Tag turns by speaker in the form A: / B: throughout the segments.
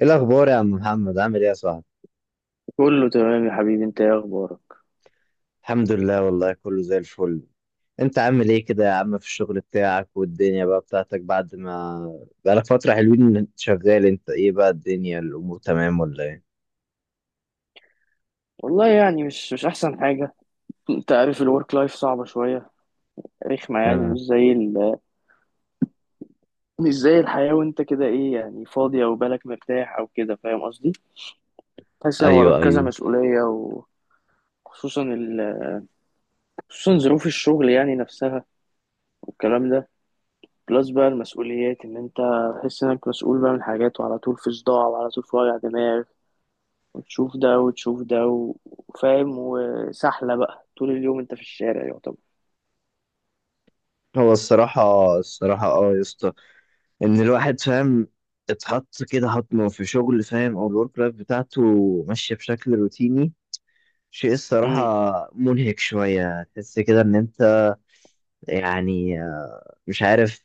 A: ايه الاخبار يا عم محمد، عامل ايه يا صاحبي؟
B: كله تمام يا حبيبي، انت ايه اخبارك؟
A: الحمد لله، والله كله زي الفل. انت عامل ايه كده يا عم في الشغل بتاعك والدنيا بقى بتاعتك بعد ما بقالك فترة حلوين إن انت شغال، انت ايه بقى الدنيا، الامور تمام ولا ايه؟
B: والله يعني مش احسن حاجه. انت عارف الورك لايف صعبه شويه، رخمه يعني.
A: آه.
B: مش زي الحياه. وانت كده ايه، يعني فاضي او بالك مرتاح او كده، فاهم قصدي؟ تحس ان وراك
A: ايوه،
B: كذا
A: ايوه.
B: مسؤوليه، وخصوصا ال... خصوصا ظروف الشغل يعني نفسها والكلام ده. بلس بقى المسؤوليات، ان انت تحس انك مسؤول بقى من حاجات، وعلى طول في صداع، وعلى طول في وجع دماغ، وتشوف ده وتشوف ده وفاهم، وسحله بقى طول اليوم انت في الشارع يعتبر.
A: هو الصراحة يا اسطى، ان الواحد فاهم اتحط كده حطمه في شغل، فاهم، او الورك لايف بتاعته ماشية بشكل روتيني، شيء الصراحة منهك شوية، تحس كده ان انت يعني مش عارف،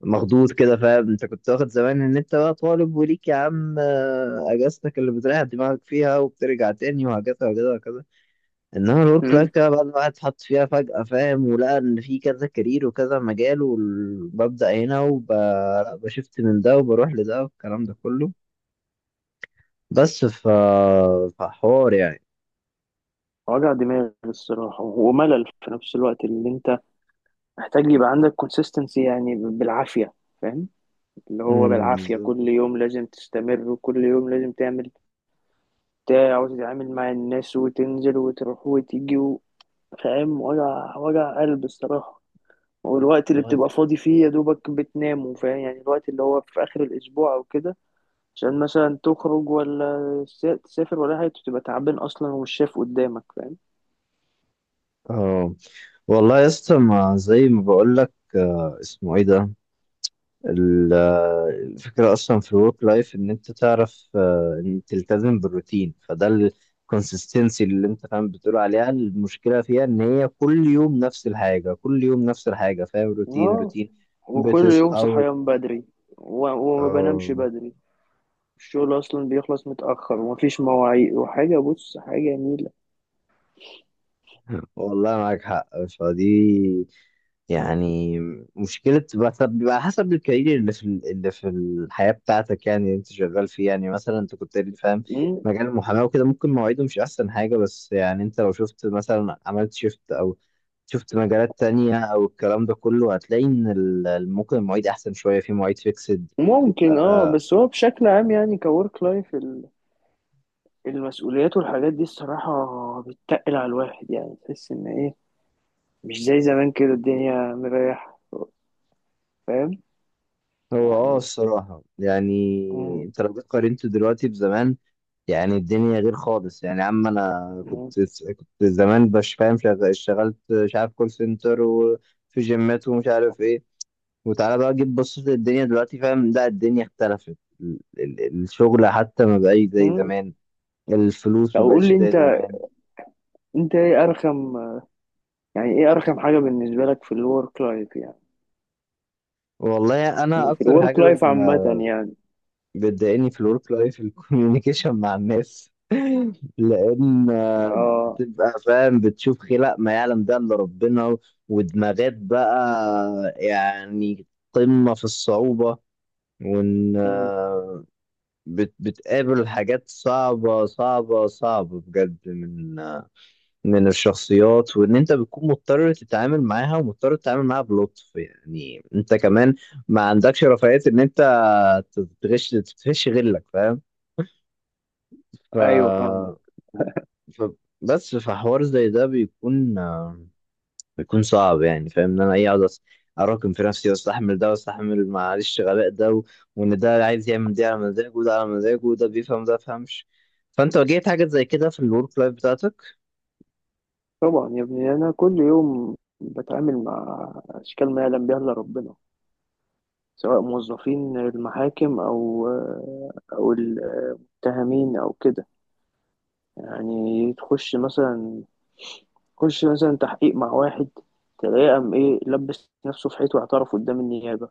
A: مخضوض كده، فاهم؟ انت كنت واخد زمان ان انت بقى طالب وليك يا عم اجازتك اللي بتريح دماغك فيها وبترجع تاني وهكذا وكذا وكذا. انما الورك لايف
B: امم
A: كده بعد ما الواحد اتحط فيها فجأة، فاهم، ولقى ان في كذا كارير وكذا مجال، وببدأ هنا وبشفت من ده وبروح لده والكلام ده كله. بس ف فحوار يعني.
B: وجع دماغ الصراحة، وملل في نفس الوقت اللي انت محتاج يبقى عندك كونسيستنسي، يعني بالعافية. فاهم؟ اللي هو بالعافية
A: بالظبط.
B: كل يوم لازم تستمر، وكل يوم لازم تعمل بتاع، وتتعامل مع الناس، وتنزل وتروح وتيجي فاهم. وجع وجع قلب الصراحة. والوقت اللي
A: بعد-
B: بتبقى فاضي فيه يا دوبك بتنام، فاهم؟ يعني الوقت اللي هو في آخر الأسبوع أو كده، عشان مثلا تخرج ولا تسافر ولا حاجة، بتبقى تعبان أصلا والشاف قدامك فاهم.
A: اه والله يا اسطى، ما زي ما بقول لك، اسمه ايه ده؟ ال- الفكرة أصلا في الورك لايف إن أنت تعرف إن تلتزم بالروتين، فده الكونسستنسي اللي أنت فاهم بتقول عليها. المشكلة فيها إن هي كل يوم نفس الحاجة، كل يوم نفس الحاجة، فاهم؟ روتين
B: اه،
A: روتين.
B: وكل يوم
A: بتصحى
B: صحيان بدري، و- وما بنامش
A: آه.
B: بدري. الشغل اصلا بيخلص متاخر، ومفيش مواعيد وحاجه، بص حاجه نيله.
A: والله معاك حق. فدي يعني مشكلة، بس بيبقى حسب الكارير اللي في الحياة بتاعتك، يعني اللي انت شغال فيه. يعني مثلا انت كنت قايل لي، فاهم،
B: مم.
A: مجال المحاماة وكده، ممكن مواعيده مش أحسن حاجة، بس يعني انت لو شفت مثلا، عملت شيفت أو شفت مجالات تانية أو الكلام ده كله، هتلاقي إن ممكن المواعيد أحسن شوية، في مواعيد فيكسد.
B: ممكن اه، بس هو بشكل عام يعني كورك لايف، المسؤوليات والحاجات دي، الصراحه بتتقل على الواحد. يعني تحس ان ايه، مش زي زمان كده الدنيا مريحه. فاهم؟
A: هو
B: يعني.
A: الصراحة يعني،
B: مم.
A: انت لو جيت قارنت دلوقتي بزمان، يعني الدنيا غير خالص يعني، يا عم انا
B: مم.
A: كنت زمان، مش فاهم، اشتغلت، مش عارف، كول سنتر وفي جيمات ومش عارف ايه، وتعالى بقى جيب بصيت الدنيا دلوقتي، فاهم، لا الدنيا اختلفت، الشغل حتى ما بقاش زي
B: مم.
A: زمان، الفلوس
B: طب
A: ما
B: قول
A: بقتش
B: لي
A: زي
B: انت،
A: زمان.
B: انت ايه ارخم؟ يعني ايه ارخم حاجه بالنسبه لك في الورك لايف؟ يعني
A: والله انا
B: يعني في
A: اكتر
B: الورك
A: حاجه
B: لايف عامه، يعني.
A: بتضايقني في الورك لايف الكوميونيكيشن مع الناس. لان
B: اه.
A: بتبقى فاهم بتشوف خلق ما يعلم ده الا ربنا، ودماغات بقى يعني قمة في الصعوبة، وان
B: مم.
A: بتقابل حاجات صعبة صعبة صعبة بجد، من الشخصيات، وان انت بتكون مضطر تتعامل معاها، ومضطر تتعامل معاها بلطف، يعني انت كمان ما عندكش رفاهية ان انت تتغش غيرك، فاهم؟ ف
B: ايوه، فاهمك.
A: ف- بس في حوار زي ده بيكون بيكون صعب يعني، فاهم، ان انا ايه اقعد اراكم في نفسي، واستحمل ده، واستحمل معلش غباء ده وان ده عايز يعمل دي على مزاجه، وده على مزاجه، وده بيفهم ده بيفهمش. فانت واجهت حاجات زي كده في الورك لايف بتاعتك؟
B: طبعا يا ابني، انا كل يوم بتعامل مع اشكال ما يعلم بها الا ربنا، سواء موظفين المحاكم او المتهمين او كده. يعني تخش مثلا تحقيق مع واحد، تلاقيه قام ايه، لبس نفسه في حيط واعترف قدام النيابه.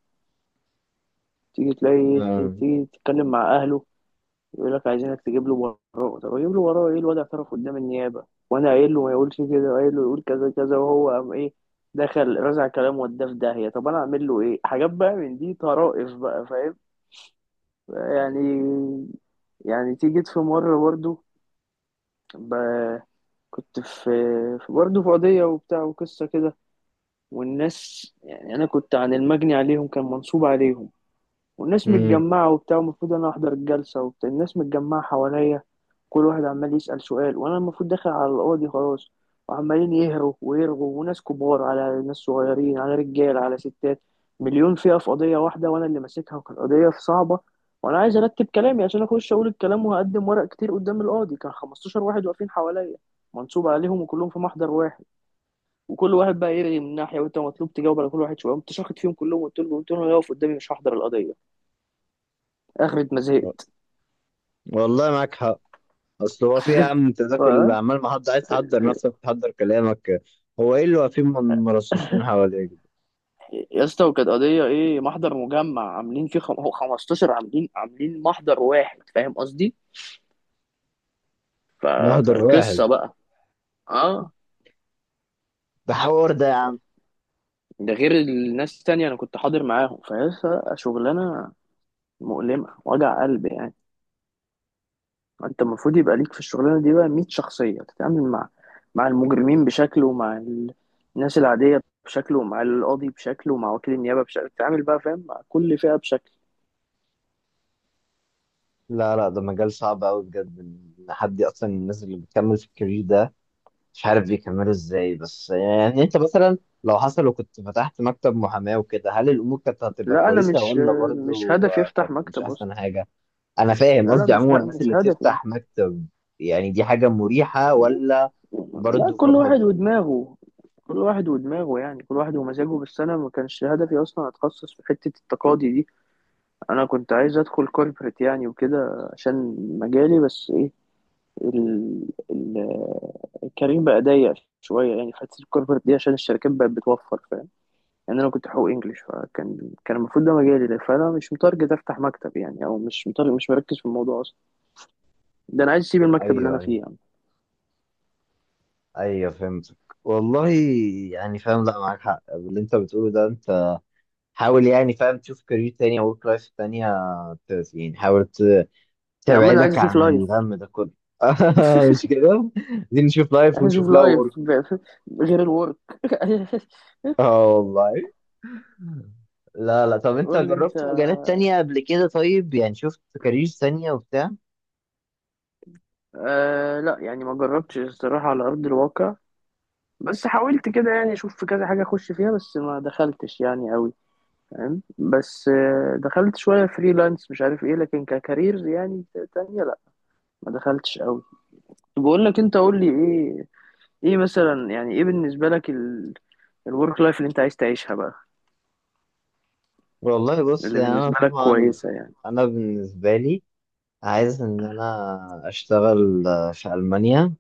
B: تيجي تلاقي
A: آه.
B: تيجي تتكلم مع اهله، يقول لك عايزينك تجيب له وراه. طب اجيب له وراه ايه؟ الواد اعترف قدام النيابه، وانا قايل له ما يقولش كده، وقايل له يقول كذا كذا، وهو قام ايه، دخل رزع كلام وداه في داهيه. طب انا اعمل له ايه؟ حاجات بقى من دي، طرائف بقى، فاهم؟ يعني. يعني تيجي في مره برضو، ب... كنت في، برضه في قضية وبتاع وقصة كده. والناس يعني، أنا كنت عن المجني عليهم، كان منصوب عليهم، والناس
A: مم.
B: متجمعة وبتاع. المفروض أنا أحضر الجلسة، وبتاع الناس متجمعة حواليا، كل واحد عمال يسأل سؤال، وأنا المفروض داخل على القاضي خلاص. وعمالين يهروا ويرغوا، وناس كبار على ناس صغيرين، على رجال على ستات، مليون فئة في قضية واحدة، وأنا اللي ماسكها، وكانت قضية صعبة. وأنا عايز أرتب كلامي عشان أخش أقول الكلام، وهقدم ورق كتير قدام القاضي، كان 15 واحد واقفين حواليا، منصوب عليهم وكلهم في محضر واحد. وكل واحد بقى يرغي من ناحية، وأنت مطلوب تجاوب على كل واحد شوية. قمت شاخد فيهم كلهم، قلت لهم يقف قدامي، مش هحضر القضية اخرة ما زهقت.
A: والله معاك حق. اصل هو في يا عم، انت
B: ف-
A: ذاك اللي عمال محضر عايز تحضر نفسك وتحضر كلامك، هو ايه اللي واقفين من مرصصين حواليك؟
B: يا اسطى، وكانت قضية ايه، محضر مجمع عاملين فيه هو 15، عاملين محضر واحد، فاهم قصدي؟ ف...
A: محضر واحد؟
B: فقصة بقى، اه.
A: ده حوار ده.
B: ده غير الناس التانية انا كنت حاضر معاهم فيا. شغلانة مؤلمة، وجع قلب يعني. انت المفروض يبقى ليك في الشغلانة دي بقى 100 شخصية، تتعامل مع المجرمين بشكل، ومع الناس العادية بشكل، ومع القاضي بشكل، ومع وكيل النيابة بشكل، تتعامل بقى فاهم مع كل فئة بشكل.
A: لا، لا، ده مجال صعب قوي بجد، ان حد اصلا الناس اللي بتكمل في الكارير ده مش عارف بيكملوا ازاي. بس يعني انت مثلا لو حصل وكنت فتحت مكتب محاماة وكده، هل الامور كانت هتبقى
B: لا انا
A: كويسة
B: مش
A: ولا
B: مش
A: برضه
B: هدف يفتح
A: كانت مش
B: مكتب اصلا.
A: احسن حاجة؟ انا فاهم
B: لا، لا،
A: قصدي، عموما الناس
B: مش
A: اللي
B: هدف يعني.
A: بتفتح مكتب يعني، دي حاجة مريحة ولا
B: لا،
A: برضه
B: كل واحد
A: فرهضة؟
B: ودماغه، كل واحد ودماغه. يعني كل واحد ومزاجه، بس انا ما كانش هدفي اصلا اتخصص في حتة التقاضي دي. انا كنت عايز ادخل كوربريت يعني وكده، عشان مجالي. بس ايه، ال... ال... الكارير بقى ضيق شوية، يعني في حتة الكوربريت دي، عشان الشركات بقت بتوفر، فاهم يعني. انا كنت حقوق انجلش، فكان المفروض ده مجالي، فانا مش متارجت افتح مكتب يعني، او مش متارجت، مش مركز في الموضوع اصلا. ده انا عايز اسيب المكتب اللي
A: ايوه،
B: انا
A: ايوه.
B: فيه يعني.
A: ايوه فهمتك. والله يعني فاهم، لا معاك حق اللي انت بتقوله ده. انت حاول يعني، فاهم، تشوف كارير تاني او ورك لايف تانية، يعني حاول
B: يعني عمال عايز
A: تبعدك
B: اشوف
A: عن
B: لايف.
A: الغم ده كله. مش كده، دي نشوف لايف
B: عايز
A: ونشوف
B: اشوف
A: لها
B: لايف
A: ورك.
B: غير الورك.
A: اه والله. لا، لا، طب انت
B: قول لي انت.
A: جربت مجالات تانية قبل كده طيب؟ يعني شفت كارير تانية وبتاع؟
B: آه لا، يعني ما جربتش الصراحه على ارض الواقع، بس حاولت كده، يعني اشوف في كذا حاجه اخش فيها، بس ما دخلتش يعني قوي، فاهم. بس دخلت شويه فريلانس مش عارف ايه، لكن ككارير يعني تانية لا، ما دخلتش قوي. طب بقول لك، انت قول لي ايه، ايه مثلا، يعني ايه بالنسبه لك الورك لايف اللي انت عايز تعيشها بقى،
A: والله بص
B: اللي
A: يعني، انا
B: بالنسبه لك
A: طبعا،
B: كويسه يعني؟
A: انا بالنسبة لي عايز ان انا اشتغل في المانيا،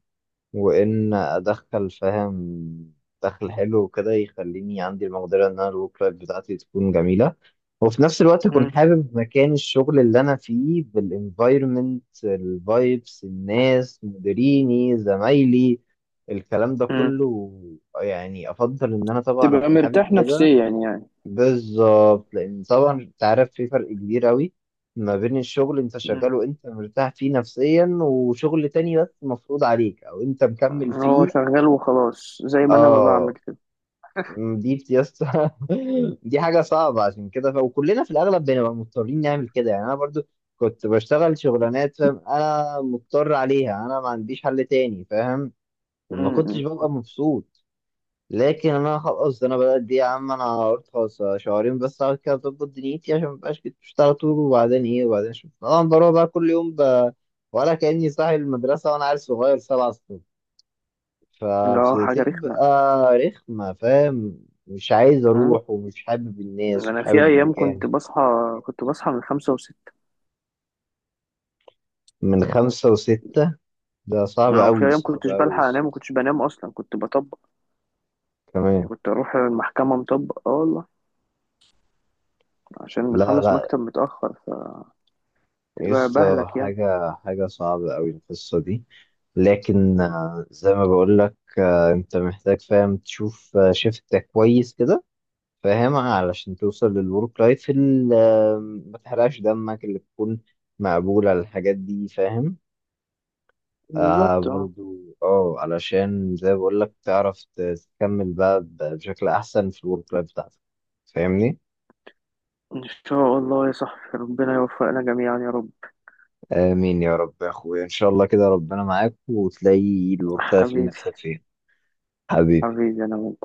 A: وان ادخل، فاهم، دخل حلو وكده يخليني عندي المقدره ان انا الورك لايف بتاعتي تكون جميله، وفي نفس الوقت اكون حابب مكان الشغل اللي انا فيه، بالانفايرمنت، الفايبس، الناس، مديريني، زمايلي، الكلام ده
B: مم.
A: كله. يعني افضل ان انا طبعا
B: تبقى
A: اكون حابب
B: مرتاح
A: كده.
B: نفسيا يعني.
A: بالظبط، لان طبعا انت عارف في فرق كبير قوي ما بين الشغل انت
B: مم.
A: شغاله انت مرتاح فيه نفسيا، وشغل تاني بس مفروض عليك او انت مكمل
B: هو
A: فيه.
B: شغال وخلاص، زي ما انا ما بعمل
A: اه.
B: كده.
A: دي بتيس. دي حاجه صعبه، عشان كده وكلنا في الاغلب بنبقى مضطرين نعمل كده، يعني انا برضو كنت بشتغل شغلانات، فاهم، انا مضطر عليها، انا ما عنديش حل تاني، فاهم، وما كنتش
B: مم.
A: ببقى مبسوط. لكن انا خلاص، انا بدات دي يا عم، انا قلت خلاص شهرين بس اقعد كده اظبط دنيتي، عشان مبقاش كنت بشتغل طول. وبعدين ايه؟ وبعدين اشوف طبعا، بروح بقى كل يوم ولا كاني صاحي المدرسه وانا عيل صغير 7 الصبح.
B: مم. اه، حاجة رخمة.
A: فبتبقى رخمه، فاهم، مش عايز
B: مم.
A: اروح، ومش حابب الناس، مش
B: انا في
A: حابب
B: ايام كنت
A: المكان.
B: بصحى، كنت بصحى من 5 و6.
A: من 5 و6. ده صعب
B: اه، وفي
A: أوي،
B: ايام
A: صعب
B: كنتش
A: أوي.
B: بلحق انام، وكنتش بنام اصلا، كنت بطبق يعني.
A: كمان.
B: كنت اروح المحكمة مطبق، اه والله، عشان
A: لا،
B: بنخلص
A: لا.
B: مكتب متأخر، فتبقى
A: يس.
B: بهلك يعني.
A: حاجة حاجة صعبة أوي القصة دي. لكن زي ما بقولك أنت محتاج، فاهم، تشوف شيفت كويس كده، فاهم، علشان توصل للورك لايف اللي ما تحرقش دمك، اللي تكون مقبولة الحاجات دي، فاهم. آه
B: بالظبط، اه.
A: برضو اه، علشان زي ما بقولك تعرف تكمل بقى بشكل أحسن في الورك لايف بتاعتك، فاهمني؟
B: ان شاء الله يا صاحبي، ربنا يوفقنا جميعا يا رب.
A: آمين يا رب يا أخويا، إن شاء الله كده ربنا معاك وتلاقي الورك لايف اللي
B: حبيبي.
A: نفسك فيه. حبيبي.
B: حبيبي انا وانت.